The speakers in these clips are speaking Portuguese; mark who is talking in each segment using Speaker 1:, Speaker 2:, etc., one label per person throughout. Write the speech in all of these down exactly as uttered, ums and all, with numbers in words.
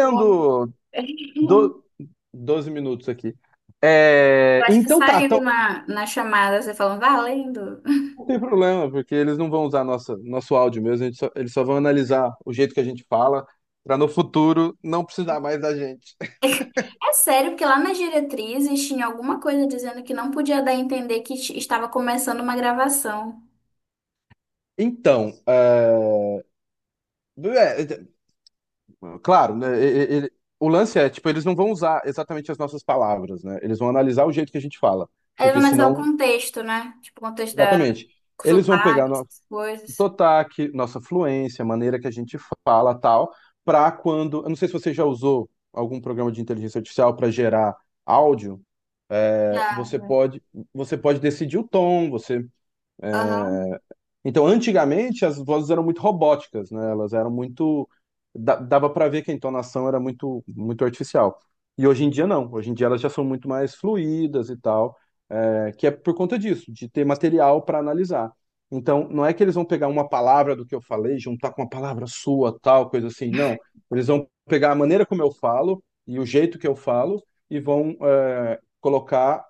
Speaker 1: Bom.
Speaker 2: Do... Doze minutos aqui. É,
Speaker 1: Eu acho que
Speaker 2: então tá,
Speaker 1: saiu
Speaker 2: então
Speaker 1: na, na chamada, você falando, valendo.
Speaker 2: não tem problema, porque eles não vão usar nossa, nosso áudio mesmo, a gente só- eles só vão analisar o jeito que a gente fala, para no futuro não precisar mais da gente.
Speaker 1: É sério, porque lá nas diretrizes tinha alguma coisa dizendo que não podia dar a entender que t- estava começando uma gravação.
Speaker 2: Então, é, é, é, claro, né, e- e- ele- o lance é, tipo, eles não vão usar exatamente as nossas palavras, né? Eles vão analisar o jeito que a gente fala,
Speaker 1: Aí vai
Speaker 2: porque
Speaker 1: analisar o
Speaker 2: senão,
Speaker 1: contexto, né? Tipo, o contexto da
Speaker 2: exatamente, eles vão pegar
Speaker 1: sotaque,
Speaker 2: no-
Speaker 1: essas coisas.
Speaker 2: sotaque, nossa fluência, a maneira que a gente fala, tal, para quando, eu não sei se você já usou algum programa de inteligência artificial para gerar áudio, é, você
Speaker 1: Já.
Speaker 2: pode, você pode decidir o tom, você
Speaker 1: Aham.
Speaker 2: então, antigamente, as vozes eram muito robóticas, né? Elas eram muito. da- Dava para ver que a entonação era muito, muito artificial. E hoje em dia, não. Hoje em dia, elas já são muito mais fluídas e tal, é, que é por conta disso, de ter material para analisar. Então, não é que eles vão pegar uma palavra do que eu falei, juntar com uma palavra sua, tal, coisa assim. Não. Eles vão pegar a maneira como eu falo e o jeito que eu falo e vão, é, colocar,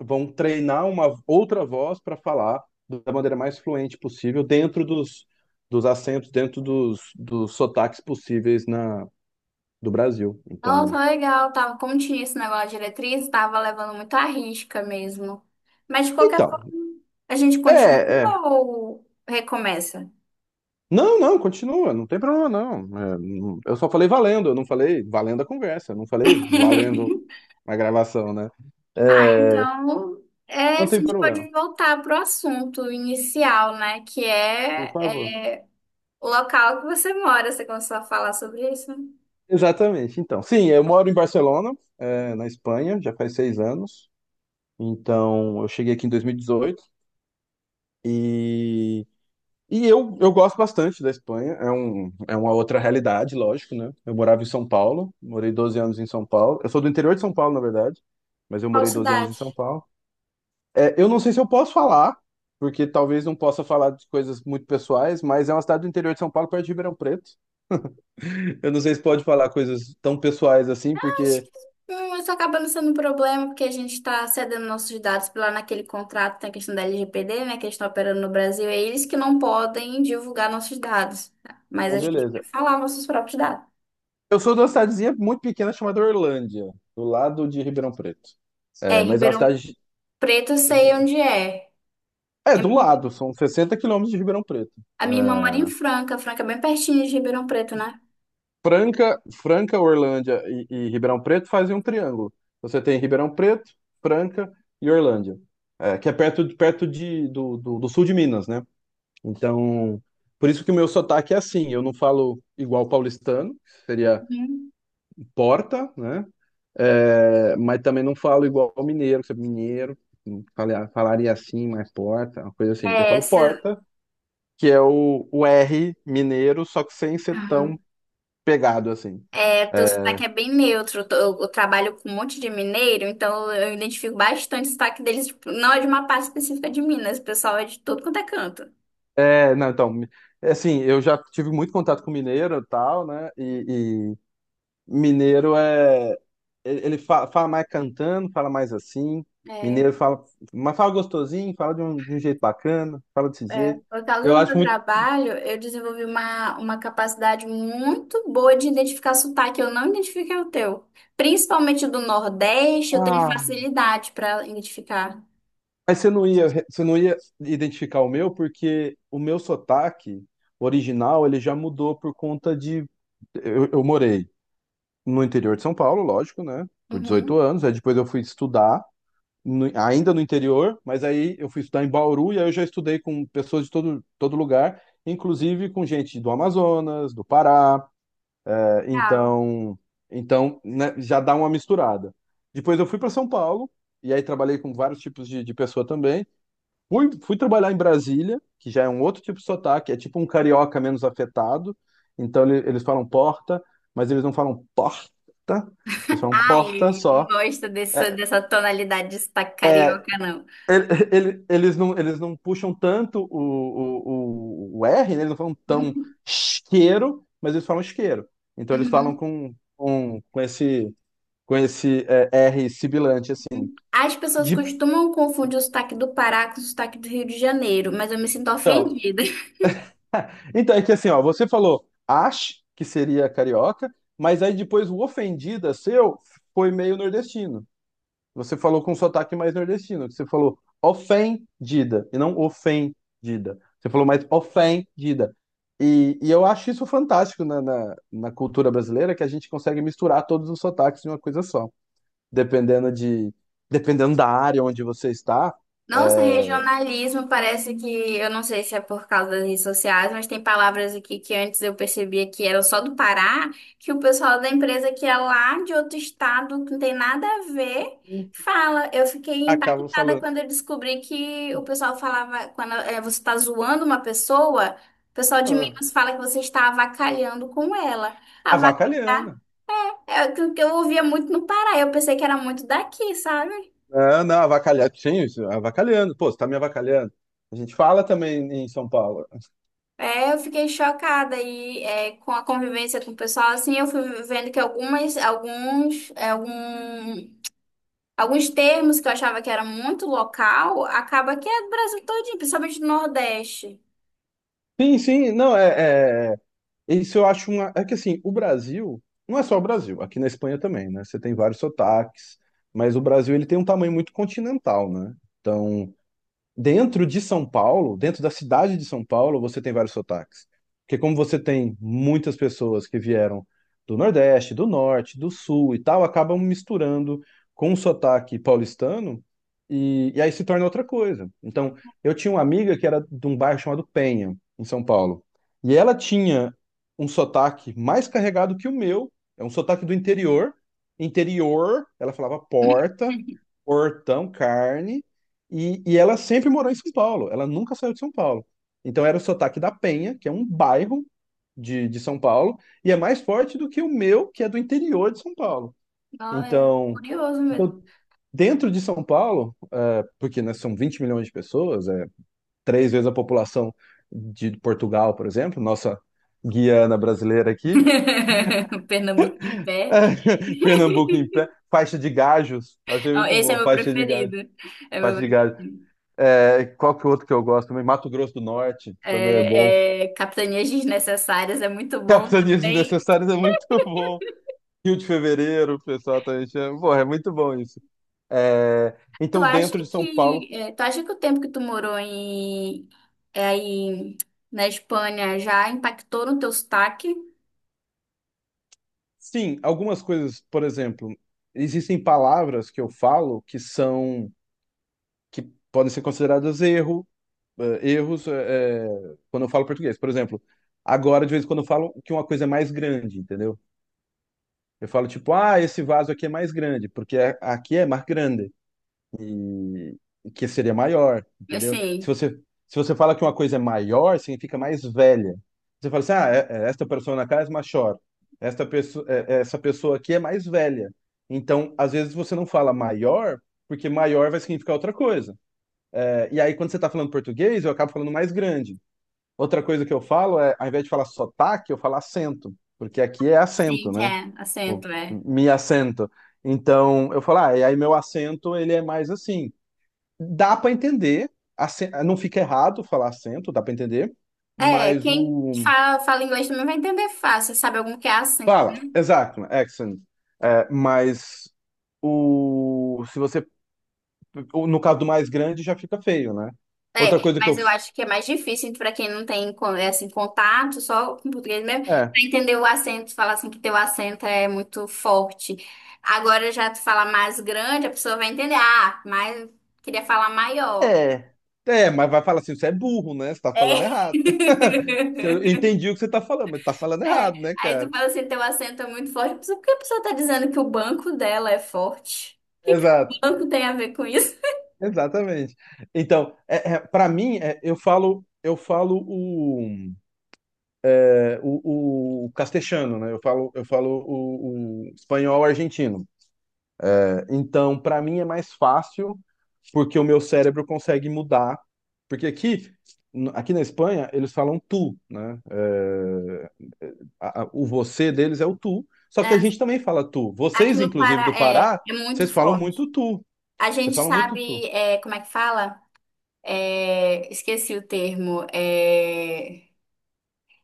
Speaker 2: vão treinar uma outra voz para falar da maneira mais fluente possível, dentro dos, dos acentos, dentro dos, dos sotaques possíveis na, do Brasil.
Speaker 1: Nossa,
Speaker 2: Então,
Speaker 1: legal. Tava, como tinha esse negócio de diretriz, tava levando muito à risca mesmo. Mas de qualquer
Speaker 2: então,
Speaker 1: forma, a gente
Speaker 2: é, é.
Speaker 1: continua ou recomeça?
Speaker 2: Não, não, continua, não tem problema não. É, não- eu só falei valendo, eu não falei valendo a conversa, eu não falei valendo a gravação, né? É,
Speaker 1: Então, é, a
Speaker 2: não tem
Speaker 1: gente
Speaker 2: problema,
Speaker 1: pode voltar para o assunto inicial, né? Que
Speaker 2: por
Speaker 1: é
Speaker 2: favor.
Speaker 1: o local que você mora. Você começou a falar sobre isso, né?
Speaker 2: Exatamente, então. Sim, eu moro em Barcelona, é, na Espanha, já faz seis anos. Então, eu cheguei aqui em dois mil e dezoito e dezoito e E eu, eu gosto bastante da Espanha, é, um, é uma outra realidade, lógico, né? Eu morava em São Paulo, morei doze anos em São Paulo. Eu sou do interior de São Paulo, na verdade, mas eu
Speaker 1: Qual
Speaker 2: morei doze anos em
Speaker 1: cidade?
Speaker 2: São Paulo. É, eu não sei se eu posso falar, porque talvez não possa falar de coisas muito pessoais, mas é uma cidade do interior de São Paulo, perto de Ribeirão Preto. Eu não sei se pode falar coisas tão pessoais assim,
Speaker 1: Acho
Speaker 2: porque.
Speaker 1: que hum, isso acaba não sendo um problema, porque a gente está cedendo nossos dados lá naquele contrato, tem a questão da L G P D, né? Que eles estão operando no Brasil. É eles que não podem divulgar nossos dados, tá? Mas a
Speaker 2: Então,
Speaker 1: gente
Speaker 2: beleza.
Speaker 1: pode falar nossos próprios dados.
Speaker 2: Eu sou de uma cidadezinha muito pequena chamada Orlândia, do lado de Ribeirão Preto.
Speaker 1: É,
Speaker 2: É, mas é uma
Speaker 1: Ribeirão
Speaker 2: cidade
Speaker 1: Preto, eu sei onde é.
Speaker 2: É,
Speaker 1: É-
Speaker 2: do lado, são sessenta quilômetros de Ribeirão Preto.
Speaker 1: A minha irmã mora em
Speaker 2: É,
Speaker 1: Franca. Franca é bem pertinho de Ribeirão Preto, né?
Speaker 2: Franca, Franca, Orlândia e, e Ribeirão Preto fazem um triângulo. Você tem Ribeirão Preto, Franca e Orlândia, é, que é perto, de- perto de, do, do, do sul de Minas, né? Então, por isso que o meu sotaque é assim. Eu não falo igual paulistano, que seria porta, né? É, mas também não falo igual mineiro, que é mineiro. falar- Falaria assim, mais porta, uma coisa assim. Eu
Speaker 1: É,
Speaker 2: falo
Speaker 1: se-
Speaker 2: porta que é o, o R mineiro, só que sem ser tão
Speaker 1: Uhum.
Speaker 2: pegado assim.
Speaker 1: É, teu
Speaker 2: É,
Speaker 1: sotaque é bem neutro. Eu, tô- eu trabalho com um monte de mineiro, então eu identifico bastante o sotaque deles. Tipo, não é de uma parte específica de Minas, o pessoal é de todo quanto é canto.
Speaker 2: é, não, então, mi- assim, eu já tive muito contato com mineiro e tal, né? E, e mineiro é. Ele ele fa- fala, mais cantando, fala mais assim.
Speaker 1: É,
Speaker 2: Mineiro fala. Mas fala gostosinho, fala de um, de um jeito bacana, fala desse
Speaker 1: é.
Speaker 2: jeito.
Speaker 1: Por causa
Speaker 2: Eu
Speaker 1: do meu
Speaker 2: acho muito.
Speaker 1: trabalho, eu desenvolvi uma, uma capacidade muito boa de identificar sotaque. Eu não identifiquei o teu. Principalmente do Nordeste, eu tenho
Speaker 2: Ah,
Speaker 1: facilidade para identificar.
Speaker 2: mas você não ia, re- você não ia identificar o meu, porque o meu sotaque original ele já mudou por conta de. Eu, eu morei no interior de São Paulo, lógico, né? Por dezoito
Speaker 1: Uhum.
Speaker 2: anos. Aí depois eu fui estudar, no- ainda no interior, mas aí eu fui estudar em Bauru e aí eu já estudei com pessoas de todo, todo lugar, inclusive com gente do Amazonas, do Pará. É,
Speaker 1: Legal.
Speaker 2: então, então né, já dá uma misturada. Depois eu fui para São Paulo e aí trabalhei com vários tipos de, de pessoa também. Fui, fui trabalhar em Brasília, que já é um outro tipo de sotaque, é tipo um carioca menos afetado. Então ele- eles falam porta, mas eles não falam porta, eles falam porta
Speaker 1: Ai, não
Speaker 2: só.
Speaker 1: gosto dessa,
Speaker 2: É,
Speaker 1: dessa tonalidade de sotaque
Speaker 2: é,
Speaker 1: carioca, não.
Speaker 2: ele- ele- eles não, eles não puxam tanto o, o, o, o R, né? Eles não falam tão isqueiro, mas eles falam isqueiro. Então eles falam
Speaker 1: Uhum,
Speaker 2: com, com, com esse, com esse é, R sibilante, assim.
Speaker 1: uhum. As pessoas
Speaker 2: De
Speaker 1: costumam confundir o sotaque do Pará com o sotaque do Rio de Janeiro, mas eu me sinto
Speaker 2: então,
Speaker 1: ofendida.
Speaker 2: Então, é que assim, ó, você falou Ash, que seria carioca, mas aí depois o ofendida seu foi meio nordestino. Você falou com um sotaque mais nordestino, que você falou ofendida e não ofendida. Você falou mais ofendida. E, e eu acho isso fantástico na, na, na cultura brasileira, que a gente consegue misturar todos os sotaques em uma coisa só. Dependendo de, dependendo da área onde você está,
Speaker 1: Nossa,
Speaker 2: é,
Speaker 1: regionalismo parece que, eu não sei se é por causa das redes sociais, mas tem palavras aqui que antes eu percebia que eram só do Pará, que o pessoal da empresa que é lá de outro estado, que não tem nada a ver, fala. Eu fiquei
Speaker 2: acaba
Speaker 1: impactada
Speaker 2: falando.
Speaker 1: quando eu descobri que o pessoal falava, quando eh, você está zoando uma pessoa, o pessoal de
Speaker 2: Ah,
Speaker 1: Minas fala que você está avacalhando com ela. Avacalhar
Speaker 2: avacalhando.
Speaker 1: é o que eu ouvia muito no Pará, eu pensei que era muito daqui, sabe?
Speaker 2: Não, não, avacalhar. Sim, isso, avacalhando. Pô, você tá me avacalhando. A gente fala também em São Paulo.
Speaker 1: É, eu fiquei chocada e é, com a convivência com o pessoal, assim, eu fui vendo que algumas, alguns, é, algum, alguns termos que eu achava que era muito local, acaba que é do Brasil todinho, principalmente do Nordeste.
Speaker 2: Sim, sim, não, é, é- isso eu acho uma. É que assim, o Brasil. Não é só o Brasil, aqui na Espanha também, né? Você tem vários sotaques, mas o Brasil ele tem um tamanho muito continental, né? Então, dentro de São Paulo, dentro da cidade de São Paulo, você tem vários sotaques. Porque como você tem muitas pessoas que vieram do Nordeste, do Norte, do Sul e tal, acabam misturando com o sotaque paulistano e, e aí se torna outra coisa. Então, eu tinha uma amiga que era de um bairro chamado Penha, em São Paulo. E ela tinha um sotaque mais carregado que o meu, é um sotaque do interior. Interior, ela falava porta, portão, carne, e, e ela sempre morou em São Paulo, ela nunca saiu de São Paulo. Então era o sotaque da Penha, que é um bairro de, de São Paulo, e é mais forte do que o meu, que é do interior de São Paulo.
Speaker 1: Ó, é
Speaker 2: Então,
Speaker 1: curioso mesmo.
Speaker 2: então dentro de São Paulo, é, porque né, são vinte milhões de pessoas, é três vezes a população de Portugal, por exemplo, nossa Guiana brasileira aqui,
Speaker 1: O Pernambuco em pé.
Speaker 2: Pernambuco em pé, faixa de gajos, achei
Speaker 1: Ó,
Speaker 2: muito
Speaker 1: esse é
Speaker 2: bom,
Speaker 1: meu
Speaker 2: faixa de gajos,
Speaker 1: preferido. É meu
Speaker 2: faixa de gajos.
Speaker 1: preferido.
Speaker 2: É, qual que é o outro que eu gosto também? Mato Grosso do Norte também é bom.
Speaker 1: É, é, Capitanias Desnecessárias é muito bom
Speaker 2: Capitanias
Speaker 1: também.
Speaker 2: Desnecessárias é muito bom. Rio de Fevereiro, o pessoal também chama. Porra, é muito bom isso. É,
Speaker 1: Tu
Speaker 2: então,
Speaker 1: acha
Speaker 2: dentro de São Paulo,
Speaker 1: que, é, tu acha que o tempo que tu morou em, é, aí na Espanha já impactou no teu sotaque?
Speaker 2: sim, algumas coisas, por exemplo, existem palavras que eu falo que são, que podem ser consideradas erro, eh, erros, eh, quando eu falo português. Por exemplo, agora, de vez em quando, eu falo que uma coisa é mais grande, entendeu? Eu falo tipo, ah, esse vaso aqui é mais grande, porque aqui é mais grande. e e que seria maior, entendeu? Se
Speaker 1: Assim,
Speaker 2: você, se você fala que uma coisa é maior, significa mais velha. Você fala assim, ah, é- é, esta pessoa na casa é maior, esta pessoa, é, é, essa pessoa aqui é mais velha. Então, às vezes você não fala maior, porque maior vai significar outra coisa. É, e aí, quando você está falando português, eu acabo falando mais grande. Outra coisa que eu falo é, ao invés de falar sotaque, eu falo acento, porque aqui é
Speaker 1: sim,
Speaker 2: acento,
Speaker 1: que
Speaker 2: né?
Speaker 1: é acento,
Speaker 2: Tipo,
Speaker 1: é.
Speaker 2: me assento. Então, eu falo, ah, e aí meu acento, ele é mais assim. Dá para entender, acen- não fica errado falar acento, dá para entender,
Speaker 1: É,
Speaker 2: mas
Speaker 1: quem
Speaker 2: o.
Speaker 1: fala, fala inglês também vai entender fácil, sabe algum que é acento.
Speaker 2: Fala, exato, accent. É, mas o. Se você. o- No caso do mais grande, já fica feio, né? Outra
Speaker 1: É,
Speaker 2: coisa que
Speaker 1: mas
Speaker 2: eu.
Speaker 1: eu acho que é mais difícil para quem não tem con- é, assim, contato, só com português mesmo,
Speaker 2: É.
Speaker 1: para entender o acento, falar assim que teu acento é muito forte. Agora já tu fala mais grande, a pessoa vai entender, ah, mas queria falar maior.
Speaker 2: É. É, mas vai falar assim, você é burro, né? Você tá falando
Speaker 1: É.
Speaker 2: errado. Você- Eu entendi o que você tá falando, mas tá falando
Speaker 1: É.
Speaker 2: errado, né,
Speaker 1: Aí tu
Speaker 2: cara?
Speaker 1: fala assim, teu acento é muito forte. Mas por que a pessoa tá dizendo que o banco dela é forte? O que que o
Speaker 2: Exato,
Speaker 1: banco tem a ver com isso?
Speaker 2: exatamente. Então, é, para mim, é, eu falo, eu falo o. É, o, o castexano, né? Eu falo, eu falo o, o espanhol argentino. É, então, para mim é mais fácil porque o meu cérebro consegue mudar. Porque aqui, aqui na Espanha, eles falam tu, né? É, é, a- a- o você deles é o tu. Só que a
Speaker 1: Né?
Speaker 2: gente também fala tu.
Speaker 1: Aqui
Speaker 2: Vocês,
Speaker 1: no
Speaker 2: inclusive,
Speaker 1: Pará
Speaker 2: do
Speaker 1: é,
Speaker 2: Pará,
Speaker 1: é muito
Speaker 2: vocês falam
Speaker 1: forte.
Speaker 2: muito tu.
Speaker 1: A
Speaker 2: Vocês
Speaker 1: gente
Speaker 2: falam muito
Speaker 1: sabe,
Speaker 2: tu.
Speaker 1: é, como é que fala? É, esqueci o termo. É,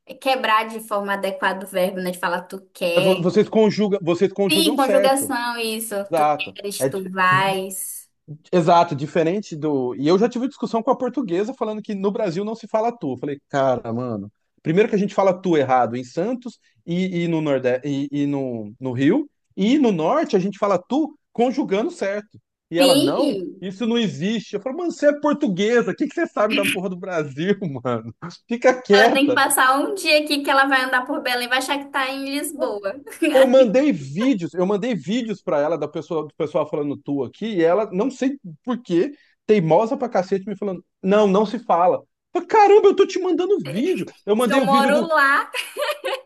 Speaker 1: é quebrar de forma adequada o verbo, né? De falar tu
Speaker 2: É,
Speaker 1: quer.
Speaker 2: Vo- vocês conjugam, vocês
Speaker 1: Sim,
Speaker 2: conjugam certo.
Speaker 1: conjugação, isso. Tu
Speaker 2: Exato.
Speaker 1: queres,
Speaker 2: É,
Speaker 1: tu
Speaker 2: di-
Speaker 1: vais.
Speaker 2: exato, diferente do. E eu já tive discussão com a portuguesa falando que no Brasil não se fala tu. Eu falei, cara, mano. Primeiro que a gente fala tu errado em Santos e, e no Nordeste e, e no, no Rio, e no Norte a gente fala tu conjugando certo. E ela, não,
Speaker 1: Sim.
Speaker 2: isso não existe. Eu falo, mano, você é portuguesa, o que que você sabe da porra do Brasil, mano? Fica
Speaker 1: Ela tem que
Speaker 2: quieta.
Speaker 1: passar um dia aqui que ela vai andar por Belém, vai achar que tá em Lisboa.
Speaker 2: Eu mandei vídeos, eu mandei vídeos para ela da pessoa, do pessoal falando tu aqui, e ela, não sei por quê, teimosa pra cacete, me falando, não, não se fala. Eu falei, caramba, eu tô te mandando vídeo. Eu
Speaker 1: Se
Speaker 2: mandei
Speaker 1: eu
Speaker 2: o vídeo
Speaker 1: moro
Speaker 2: do
Speaker 1: lá,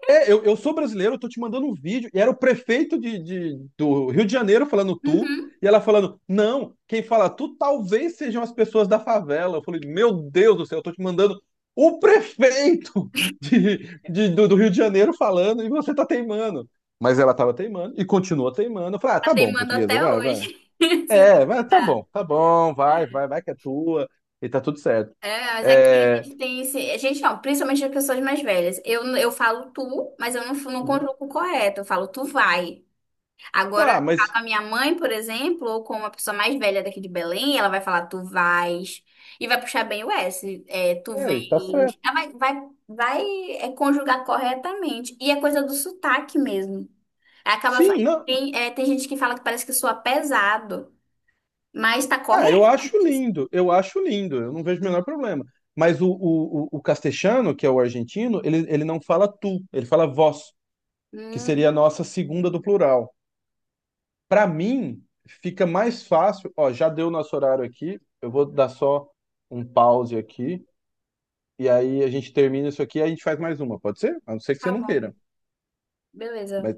Speaker 2: é, eu, eu sou brasileiro, eu tô te mandando um vídeo. E era o prefeito de, de- do Rio de Janeiro falando tu,
Speaker 1: uhum,
Speaker 2: e ela falando, não, quem fala tu talvez sejam as pessoas da favela. Eu falei, meu Deus do céu, eu tô te mandando o prefeito de, de- do, do Rio de Janeiro falando e você tá teimando. Mas ela tava teimando e continua teimando. Eu falei, ah,
Speaker 1: tá
Speaker 2: tá bom,
Speaker 1: teimando
Speaker 2: portuguesa,
Speaker 1: até
Speaker 2: vai, vai.
Speaker 1: hoje, se
Speaker 2: É, vai, tá
Speaker 1: duvidar.
Speaker 2: bom, tá bom, vai, vai, vai que é tua, e tá tudo certo.
Speaker 1: É, mas aqui a
Speaker 2: É,
Speaker 1: gente tem esse. A gente não, principalmente as pessoas mais velhas. Eu, eu falo tu, mas eu não, não
Speaker 2: uhum.
Speaker 1: conjugo correto. Eu falo tu vai. Agora,
Speaker 2: Tá,
Speaker 1: ficar com
Speaker 2: mas.
Speaker 1: a minha mãe, por exemplo, ou com uma pessoa mais velha daqui de Belém, ela vai falar, tu vais, e vai puxar bem o S, é, tu
Speaker 2: É, tá certo.
Speaker 1: vens. Ela vai, vai, vai é, conjugar corretamente. E é coisa do sotaque mesmo. Acaba, fa-
Speaker 2: Sim, não.
Speaker 1: tem, é, tem gente que fala que parece que soa pesado, mas tá
Speaker 2: Ah, eu
Speaker 1: correto.
Speaker 2: acho lindo, eu acho lindo, eu não vejo o menor problema. Mas o, o, o, o castelhano, que é o argentino, ele, ele não fala tu, ele fala vós, que
Speaker 1: Hum,
Speaker 2: seria a nossa segunda do plural. Para mim, fica mais fácil. Ó, já deu nosso horário aqui, eu vou dar só um pause aqui, e aí a gente termina isso aqui e a gente faz mais uma, pode ser? A não ser que você
Speaker 1: tá
Speaker 2: não
Speaker 1: bom,
Speaker 2: queira.
Speaker 1: beleza.
Speaker 2: Mas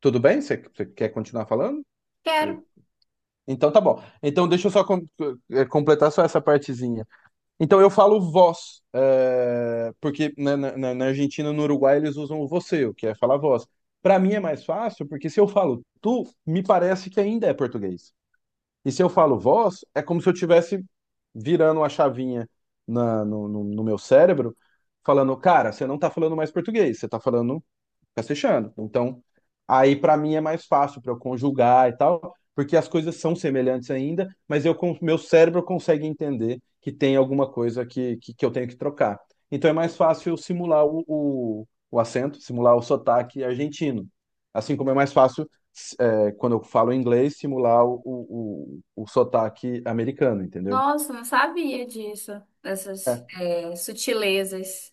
Speaker 2: tudo bem? Você, você quer continuar falando? Eu-
Speaker 1: Quero.
Speaker 2: Então tá bom. Então deixa eu só com- eh, completar só essa partezinha. Então eu falo vós, eh, porque na, na- na- na Argentina, no Uruguai, eles usam o você, o que é falar vós. Para mim é mais fácil, porque se eu falo tu, me parece que ainda é português. E se eu falo vós, é como se eu estivesse virando a chavinha na- no, no- no meu cérebro, falando, cara, você não tá falando mais português, você tá falando fica se fechando. Então, aí para mim é mais fácil para eu conjugar e tal, porque as coisas são semelhantes ainda, mas eu com meu cérebro consegue entender que tem alguma coisa que, que, que eu tenho que trocar. Então é mais fácil eu simular o, o, o acento, simular o sotaque argentino. Assim como é mais fácil, é, quando eu falo inglês, simular o, o, o, o sotaque americano, entendeu?
Speaker 1: Nossa, não sabia disso, dessas,
Speaker 2: É.
Speaker 1: é, sutilezas.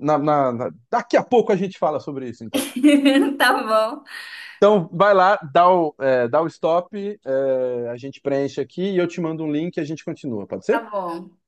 Speaker 2: Na- na- na- Daqui a pouco a gente fala sobre isso, então.
Speaker 1: Tá bom,
Speaker 2: Então, vai lá, dá o, é, dá o stop, é, a gente preenche aqui e eu te mando um link e a gente continua, pode
Speaker 1: tá
Speaker 2: ser?
Speaker 1: bom.